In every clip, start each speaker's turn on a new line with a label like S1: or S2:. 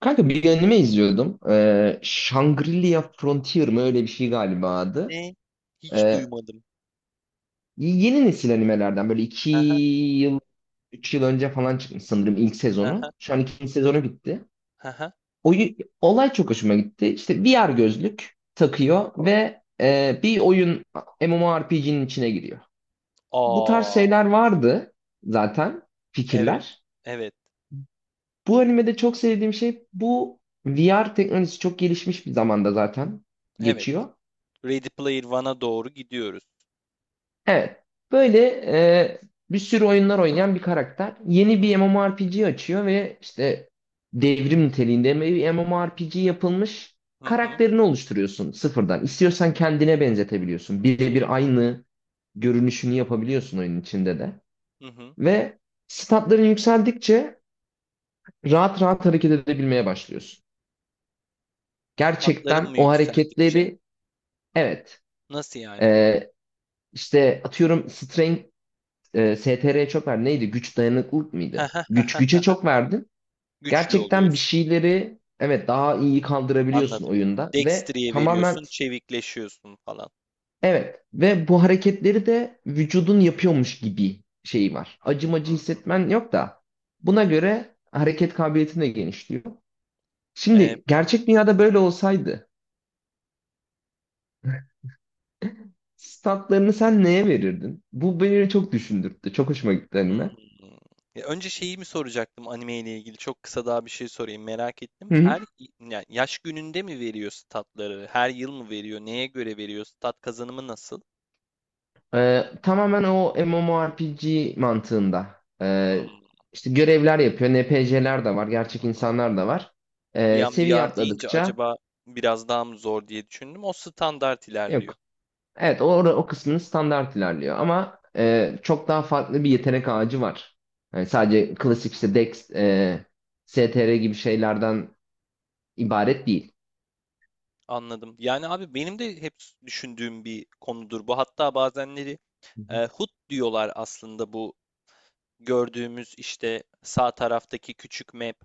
S1: Kanka bir anime izliyordum. Shangri-La Frontier mı öyle bir şey galiba adı.
S2: Ne? Hiç
S1: Ee,
S2: duymadım.
S1: Yeni nesil animelerden böyle iki
S2: Aha,
S1: yıl, üç yıl önce falan çıkmış sanırım ilk
S2: aha,
S1: sezonu. Şu an ikinci sezonu bitti.
S2: aha.
S1: Oyu, Olay çok hoşuma gitti. İşte VR gözlük takıyor ve bir oyun MMORPG'nin içine giriyor. Bu tarz
S2: Aa,
S1: şeyler vardı zaten
S2: evet,
S1: fikirler.
S2: evet,
S1: Bu animede çok sevdiğim şey bu VR teknolojisi çok gelişmiş bir zamanda zaten
S2: evet.
S1: geçiyor.
S2: Ready Player One'a doğru gidiyoruz.
S1: Evet. Böyle e, bir sürü oyunlar oynayan bir karakter. Yeni bir MMORPG açıyor ve işte devrim niteliğinde bir MMORPG yapılmış
S2: Hı hı,
S1: karakterini oluşturuyorsun sıfırdan. İstiyorsan kendine benzetebiliyorsun. Birebir aynı görünüşünü yapabiliyorsun oyunun içinde de.
S2: hı hı.
S1: Ve statların yükseldikçe rahat rahat hareket edebilmeye başlıyorsun.
S2: Sıfatların
S1: Gerçekten
S2: mı
S1: o
S2: yükseldikçe?
S1: hareketleri evet,
S2: Nasıl yani?
S1: e, işte atıyorum strength, STR'ye çok verdin. Neydi? Güç dayanıklılık mıydı?
S2: Aha,
S1: Güç
S2: aha,
S1: güce
S2: aha.
S1: çok verdin.
S2: Güçlü
S1: Gerçekten bir
S2: oluyorsun.
S1: şeyleri evet, daha iyi kaldırabiliyorsun
S2: Anladım.
S1: oyunda ve
S2: Dextry'ye
S1: tamamen
S2: veriyorsun, çevikleşiyorsun falan.
S1: evet, ve bu hareketleri de vücudun yapıyormuş gibi şeyi var.
S2: Hı
S1: Acımacı
S2: hı
S1: hissetmen
S2: hı.
S1: yok da buna göre hareket kabiliyetin de genişliyor.
S2: Evet.
S1: Şimdi gerçek dünyada böyle olsaydı statlarını sen neye verirdin? Bu beni çok düşündürttü. Çok hoşuma gitti
S2: Hmm.
S1: anime.
S2: Ya önce şeyi mi soracaktım anime ile ilgili? Çok kısa daha bir şey sorayım merak ettim.
S1: Hı hı.
S2: Her yani yaş gününde mi veriyor statları? Her yıl mı veriyor? Neye göre veriyor? Stat kazanımı nasıl?
S1: Tamamen o MMORPG mantığında.
S2: Hmm,
S1: İşte görevler yapıyor. NPC'ler de var.
S2: hmm,
S1: Gerçek
S2: hmm, hmm.
S1: insanlar da var.
S2: Bir an
S1: Seviye
S2: VR deyince
S1: atladıkça
S2: acaba biraz daha mı zor diye düşündüm. O standart
S1: yok.
S2: ilerliyor.
S1: Evet, o kısmını standart ilerliyor. Ama çok daha farklı bir yetenek ağacı var. Yani sadece klasik işte Dex, STR gibi şeylerden ibaret değil.
S2: Anladım. Yani abi benim de hep düşündüğüm bir konudur bu. Hatta bazenleri HUD diyorlar aslında bu gördüğümüz işte sağ taraftaki küçük map,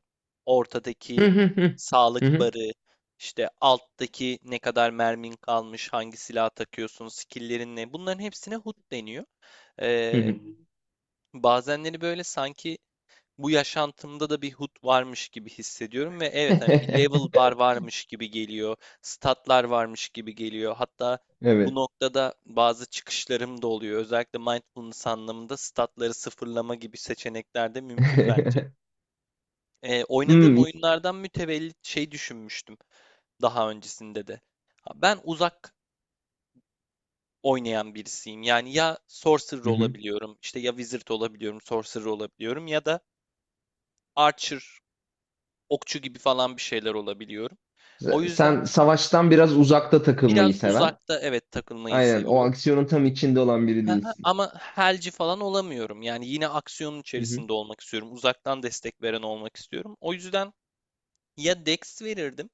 S1: Hı
S2: ortadaki
S1: hı hı. Hı
S2: sağlık
S1: hı
S2: barı, işte alttaki ne kadar mermin kalmış, hangi silah takıyorsun, skill'lerin ne bunların hepsine HUD deniyor.
S1: hı
S2: Ee,
S1: hı.
S2: bazenleri böyle sanki bu yaşantımda da bir hut varmış gibi hissediyorum ve evet hani bir level bar varmış gibi geliyor, statlar varmış gibi geliyor. Hatta bu
S1: Evet.
S2: noktada bazı çıkışlarım da oluyor. Özellikle mindfulness anlamında statları sıfırlama gibi seçenekler de mümkün bence. Ee,
S1: Hmm,
S2: oynadığım
S1: iyi.
S2: oyunlardan mütevellit şey düşünmüştüm daha öncesinde de. Ha, ben uzak oynayan birisiyim. Yani ya sorcerer
S1: Hı hı.
S2: olabiliyorum, işte ya wizard olabiliyorum, sorcerer olabiliyorum ya da archer okçu gibi falan bir şeyler olabiliyorum. O yüzden
S1: Sen savaştan biraz uzakta
S2: biraz
S1: takılmayı seven.
S2: uzakta evet takılmayı
S1: Aynen o
S2: seviyorum.
S1: aksiyonun tam içinde olan biri
S2: Hı hı,
S1: değilsin.
S2: ama helci falan olamıyorum. Yani yine aksiyonun
S1: Hı hı.
S2: içerisinde olmak istiyorum. Uzaktan destek veren olmak istiyorum. O yüzden ya Dex verirdim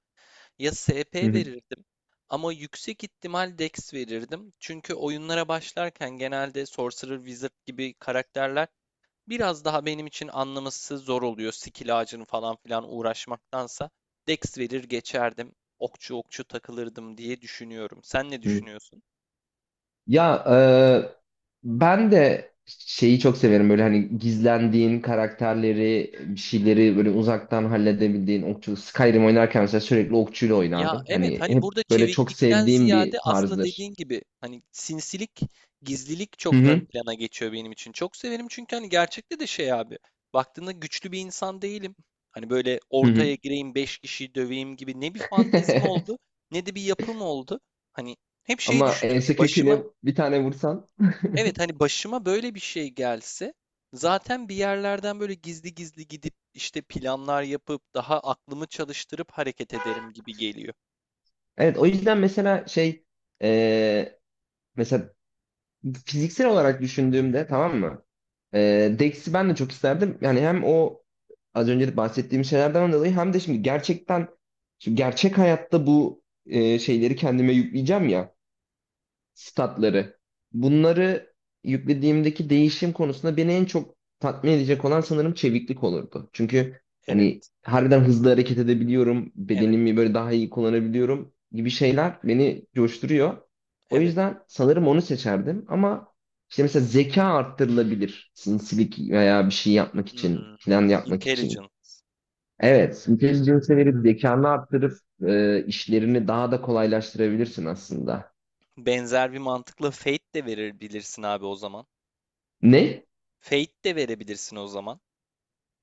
S2: ya
S1: Hı
S2: SP
S1: hı.
S2: verirdim. Ama yüksek ihtimal Dex verirdim. Çünkü oyunlara başlarken genelde Sorcerer, Wizard gibi karakterler biraz daha benim için anlaması zor oluyor. Skill ağacını falan filan uğraşmaktansa Dex verir geçerdim. Okçu okçu takılırdım diye düşünüyorum. Sen ne
S1: Hı.
S2: düşünüyorsun?
S1: Ya e, ben de şeyi çok severim böyle hani gizlendiğin karakterleri bir şeyleri böyle uzaktan halledebildiğin okçu Skyrim oynarken mesela sürekli okçuyla
S2: Ya
S1: oynardım.
S2: evet
S1: Hani
S2: hani
S1: hep
S2: burada
S1: böyle çok
S2: çeviklikten
S1: sevdiğim
S2: ziyade
S1: bir
S2: aslında
S1: tarzdır.
S2: dediğin gibi hani sinsilik, gizlilik
S1: Hı
S2: çok ön
S1: hı.
S2: plana geçiyor benim için. Çok severim çünkü hani gerçekte de şey abi. Baktığında güçlü bir insan değilim. Hani böyle
S1: Hı hı.
S2: ortaya gireyim 5 kişiyi döveyim gibi ne bir fantezim oldu ne de bir yapım oldu. Hani hep şey
S1: Ama
S2: düşünürüm.
S1: ense köküne bir tane vursan.
S2: Evet, hani başıma böyle bir şey gelse zaten bir yerlerden böyle gizli gizli gidip işte planlar yapıp daha aklımı çalıştırıp hareket ederim gibi geliyor.
S1: Evet o yüzden mesela şey, e, mesela fiziksel olarak düşündüğümde tamam mı? Dex'i ben de çok isterdim. Yani hem o az önce de bahsettiğim şeylerden dolayı hem de şimdi gerçek hayatta bu şeyleri kendime yükleyeceğim ya, statları. Bunları yüklediğimdeki değişim konusunda beni en çok tatmin edecek olan sanırım çeviklik olurdu. Çünkü hani
S2: Evet,
S1: harbiden hızlı hareket edebiliyorum,
S2: evet,
S1: bedenimi böyle daha iyi kullanabiliyorum gibi şeyler beni coşturuyor. O
S2: evet.
S1: yüzden sanırım onu seçerdim ama işte mesela zeka arttırılabilir. Sinsilik veya bir şey yapmak için,
S2: Hmm,
S1: plan yapmak için.
S2: intelligence.
S1: Evet, intelligence'e verip zekanı arttırıp işlerini daha da kolaylaştırabilirsin aslında.
S2: Benzer bir mantıkla fate de verebilirsin abi o zaman.
S1: Ne?
S2: Fate de verebilirsin o zaman.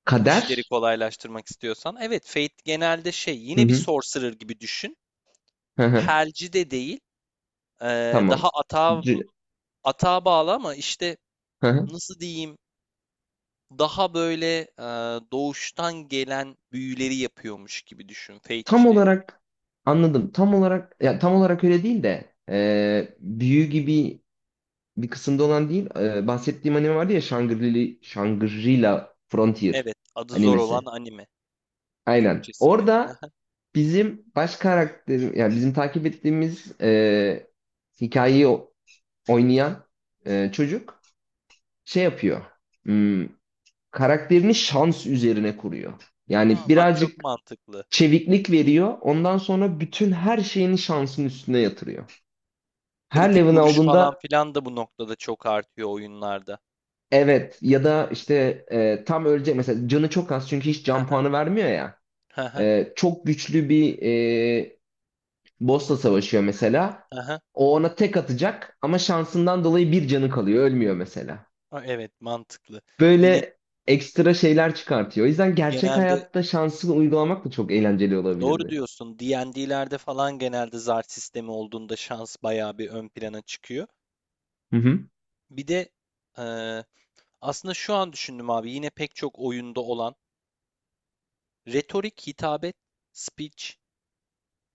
S1: Kader?
S2: İşleri kolaylaştırmak istiyorsan. Evet, fate genelde şey
S1: Hı
S2: yine bir
S1: hı.
S2: sorcerer gibi düşün.
S1: Hı hı.
S2: Helci de değil. Daha
S1: Tamam.
S2: atağa,
S1: C-
S2: atağa bağlı ama işte
S1: Hı hı.
S2: nasıl diyeyim. Daha böyle, doğuştan gelen büyüleri yapıyormuş gibi düşün
S1: Tam
S2: Fate'çilerin.
S1: olarak anladım. Tam olarak, ya tam olarak öyle değil de, büyü gibi bir kısımda olan değil. Bahsettiğim anime vardı ya, Shangri-La Frontier
S2: Evet, adı zor olan
S1: animesi.
S2: anime
S1: Aynen.
S2: Türkçesiyle.
S1: Orada bizim baş karakter, yani bizim takip ettiğimiz, hikayeyi oynayan çocuk şey yapıyor. Hmm, karakterini şans üzerine kuruyor.
S2: Hı
S1: Yani
S2: hı. Bak çok
S1: birazcık
S2: mantıklı.
S1: çeviklik veriyor. Ondan sonra bütün her şeyini şansın üstüne yatırıyor. Her
S2: Kritik
S1: level
S2: vuruş falan
S1: aldığında
S2: filan da bu noktada çok artıyor oyunlarda.
S1: evet, ya da işte tam ölecek mesela, canı çok az çünkü hiç
S2: Hı
S1: can
S2: hı.
S1: puanı vermiyor ya.
S2: Hı hı.
S1: Çok güçlü bir e, boss'la savaşıyor mesela. O ona tek atacak ama şansından dolayı bir canı kalıyor, ölmüyor mesela.
S2: Evet, mantıklı. Yine
S1: Böyle ekstra şeyler çıkartıyor. O yüzden gerçek
S2: genelde
S1: hayatta şansı uygulamak da çok eğlenceli
S2: doğru
S1: olabilirdi.
S2: diyorsun. D&D'lerde falan genelde zar sistemi olduğunda şans bayağı bir ön plana çıkıyor.
S1: Hı hı.
S2: Bir de, eee, aslında şu an düşündüm abi yine pek çok oyunda olan retorik, hitabet, speech.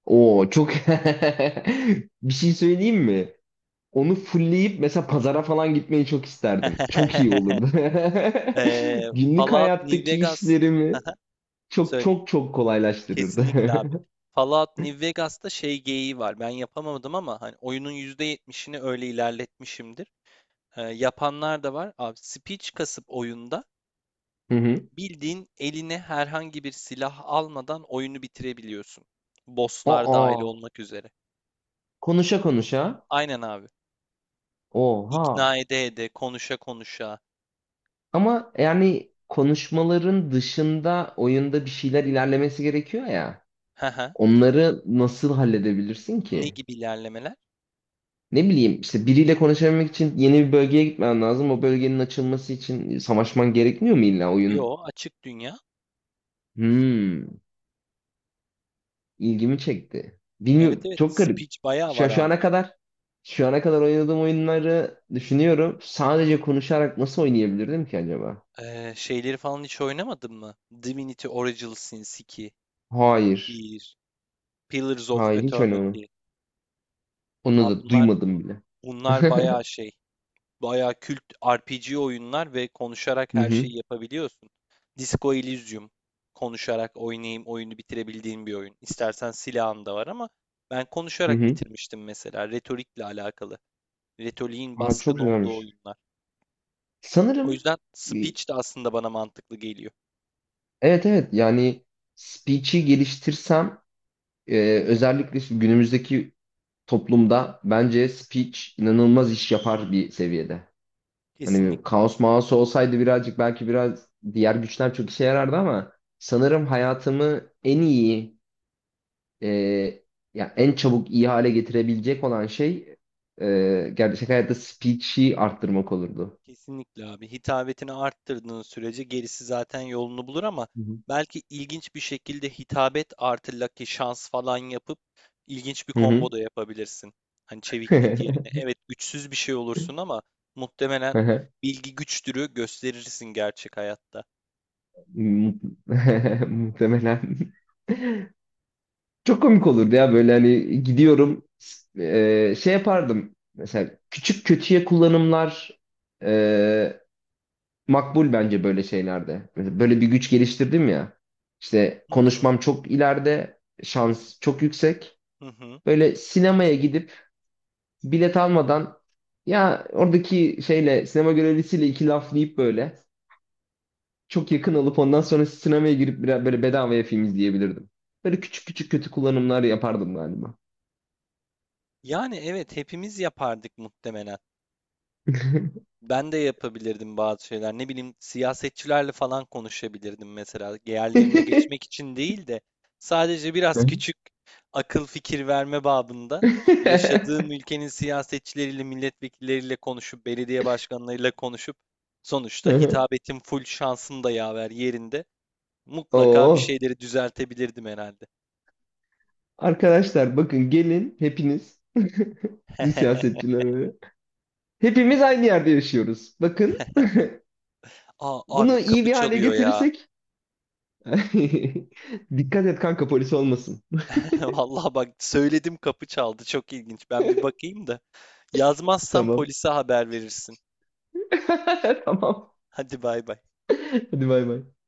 S1: Oo çok, bir şey söyleyeyim mi? Onu fullleyip mesela pazara falan gitmeyi çok isterdim. Çok iyi olurdu. Günlük
S2: Fallout New
S1: hayattaki
S2: Vegas.
S1: işlerimi çok
S2: Söyle.
S1: çok çok kolaylaştırırdı.
S2: Kesinlikle abi. Fallout New Vegas'ta şey geyiği var. Ben yapamadım ama hani oyunun %70'ini öyle ilerletmişimdir. Yapanlar da var. Abi speech kasıp oyunda
S1: Hı hı.
S2: bildiğin eline herhangi bir silah almadan oyunu bitirebiliyorsun. Bosslar dahil
S1: Aa,
S2: olmak üzere.
S1: konuşa konuşa.
S2: Aynen abi.
S1: Oha.
S2: İkna ede ede, konuşa konuşa.
S1: Ama yani konuşmaların dışında oyunda bir şeyler ilerlemesi gerekiyor ya.
S2: Haha.
S1: Onları nasıl halledebilirsin
S2: Ne
S1: ki?
S2: gibi ilerlemeler?
S1: Ne bileyim işte biriyle konuşabilmek için yeni bir bölgeye gitmen lazım. O bölgenin açılması için savaşman gerekmiyor mu illa oyun?
S2: Yo, açık dünya.
S1: Hmm. ilgimi çekti.
S2: Evet
S1: Bilmiyorum,
S2: evet,
S1: çok garip.
S2: speech bayağı var
S1: Şu, şu
S2: abi.
S1: ana kadar şu ana kadar oynadığım oyunları düşünüyorum. Sadece konuşarak nasıl oynayabilirdim ki acaba?
S2: Şeyleri falan hiç oynamadın mı? Divinity Original Sin 2,
S1: Hayır.
S2: bir Pillars of
S1: Hayır, hiç oynamadım.
S2: Eternity.
S1: Onu
S2: Abi
S1: da
S2: bunlar
S1: duymadım bile.
S2: bunlar bayağı şey, bayağı kült RPG oyunlar ve konuşarak
S1: Hı
S2: her
S1: hı.
S2: şeyi yapabiliyorsun. Disco Elysium konuşarak oynayayım oyunu bitirebildiğim bir oyun. İstersen silahın da var ama ben
S1: Hı
S2: konuşarak
S1: hı.
S2: bitirmiştim mesela retorikle alakalı. Retoriğin
S1: Aa,
S2: baskın
S1: çok
S2: olduğu
S1: güzelmiş.
S2: oyunlar. O
S1: Sanırım
S2: yüzden
S1: e,
S2: speech de aslında bana mantıklı geliyor.
S1: evet evet, yani speech'i geliştirsem e, özellikle şu günümüzdeki toplumda bence speech inanılmaz iş yapar bir seviyede. Hani
S2: Kesinlikle.
S1: kaos maos olsaydı birazcık belki biraz diğer güçler çok işe yarardı ama sanırım hayatımı en iyi, e, ya en çabuk iyi hale getirebilecek olan şey gerçek hayatta speech'i arttırmak olurdu.
S2: Kesinlikle abi. Hitabetini arttırdığın sürece gerisi zaten yolunu bulur ama
S1: Hı hı.
S2: belki ilginç bir şekilde hitabet artı lucky şans falan yapıp ilginç bir combo da yapabilirsin. Hani
S1: Hı
S2: çeviklik yerine. Evet güçsüz bir şey olursun ama muhtemelen
S1: hı.
S2: bilgi güçtürü gösterirsin gerçek hayatta.
S1: Mu- Muhtemelen. Çok komik olurdu ya, böyle hani gidiyorum şey yapardım mesela, küçük kötüye kullanımlar e, makbul bence böyle şeylerde. Mesela böyle bir güç geliştirdim ya. İşte
S2: Hı hı,
S1: konuşmam çok ileride, şans çok yüksek.
S2: hı hı.
S1: Böyle sinemaya gidip bilet almadan, ya oradaki şeyle sinema görevlisiyle iki laf deyip böyle çok yakın alıp ondan sonra sinemaya girip biraz böyle bedavaya film izleyebilirdim. Böyle küçük küçük kötü kullanımlar yapardım galiba.
S2: Yani evet hepimiz yapardık muhtemelen. Ben de yapabilirdim bazı şeyler. Ne bileyim siyasetçilerle falan konuşabilirdim mesela. Yerlerine geçmek için değil de sadece biraz küçük akıl fikir verme babında yaşadığım ülkenin siyasetçileriyle, milletvekilleriyle konuşup, belediye başkanlarıyla konuşup sonuçta hitabetim full şansım da yaver yerinde. Mutlaka bir
S1: Oo.
S2: şeyleri düzeltebilirdim herhalde.
S1: Arkadaşlar bakın, gelin hepiniz, siz siyasetçiler, hepimiz aynı yerde yaşıyoruz. Bakın
S2: Aa, abi
S1: bunu iyi
S2: kapı
S1: bir hale
S2: çalıyor ya.
S1: getirirsek. Dikkat et kanka, polis olmasın.
S2: Vallahi bak söyledim kapı çaldı. Çok ilginç. Ben bir bakayım da. Yazmazsan
S1: Tamam.
S2: polise haber verirsin.
S1: Tamam.
S2: Hadi bay bay.
S1: Hadi bay bay.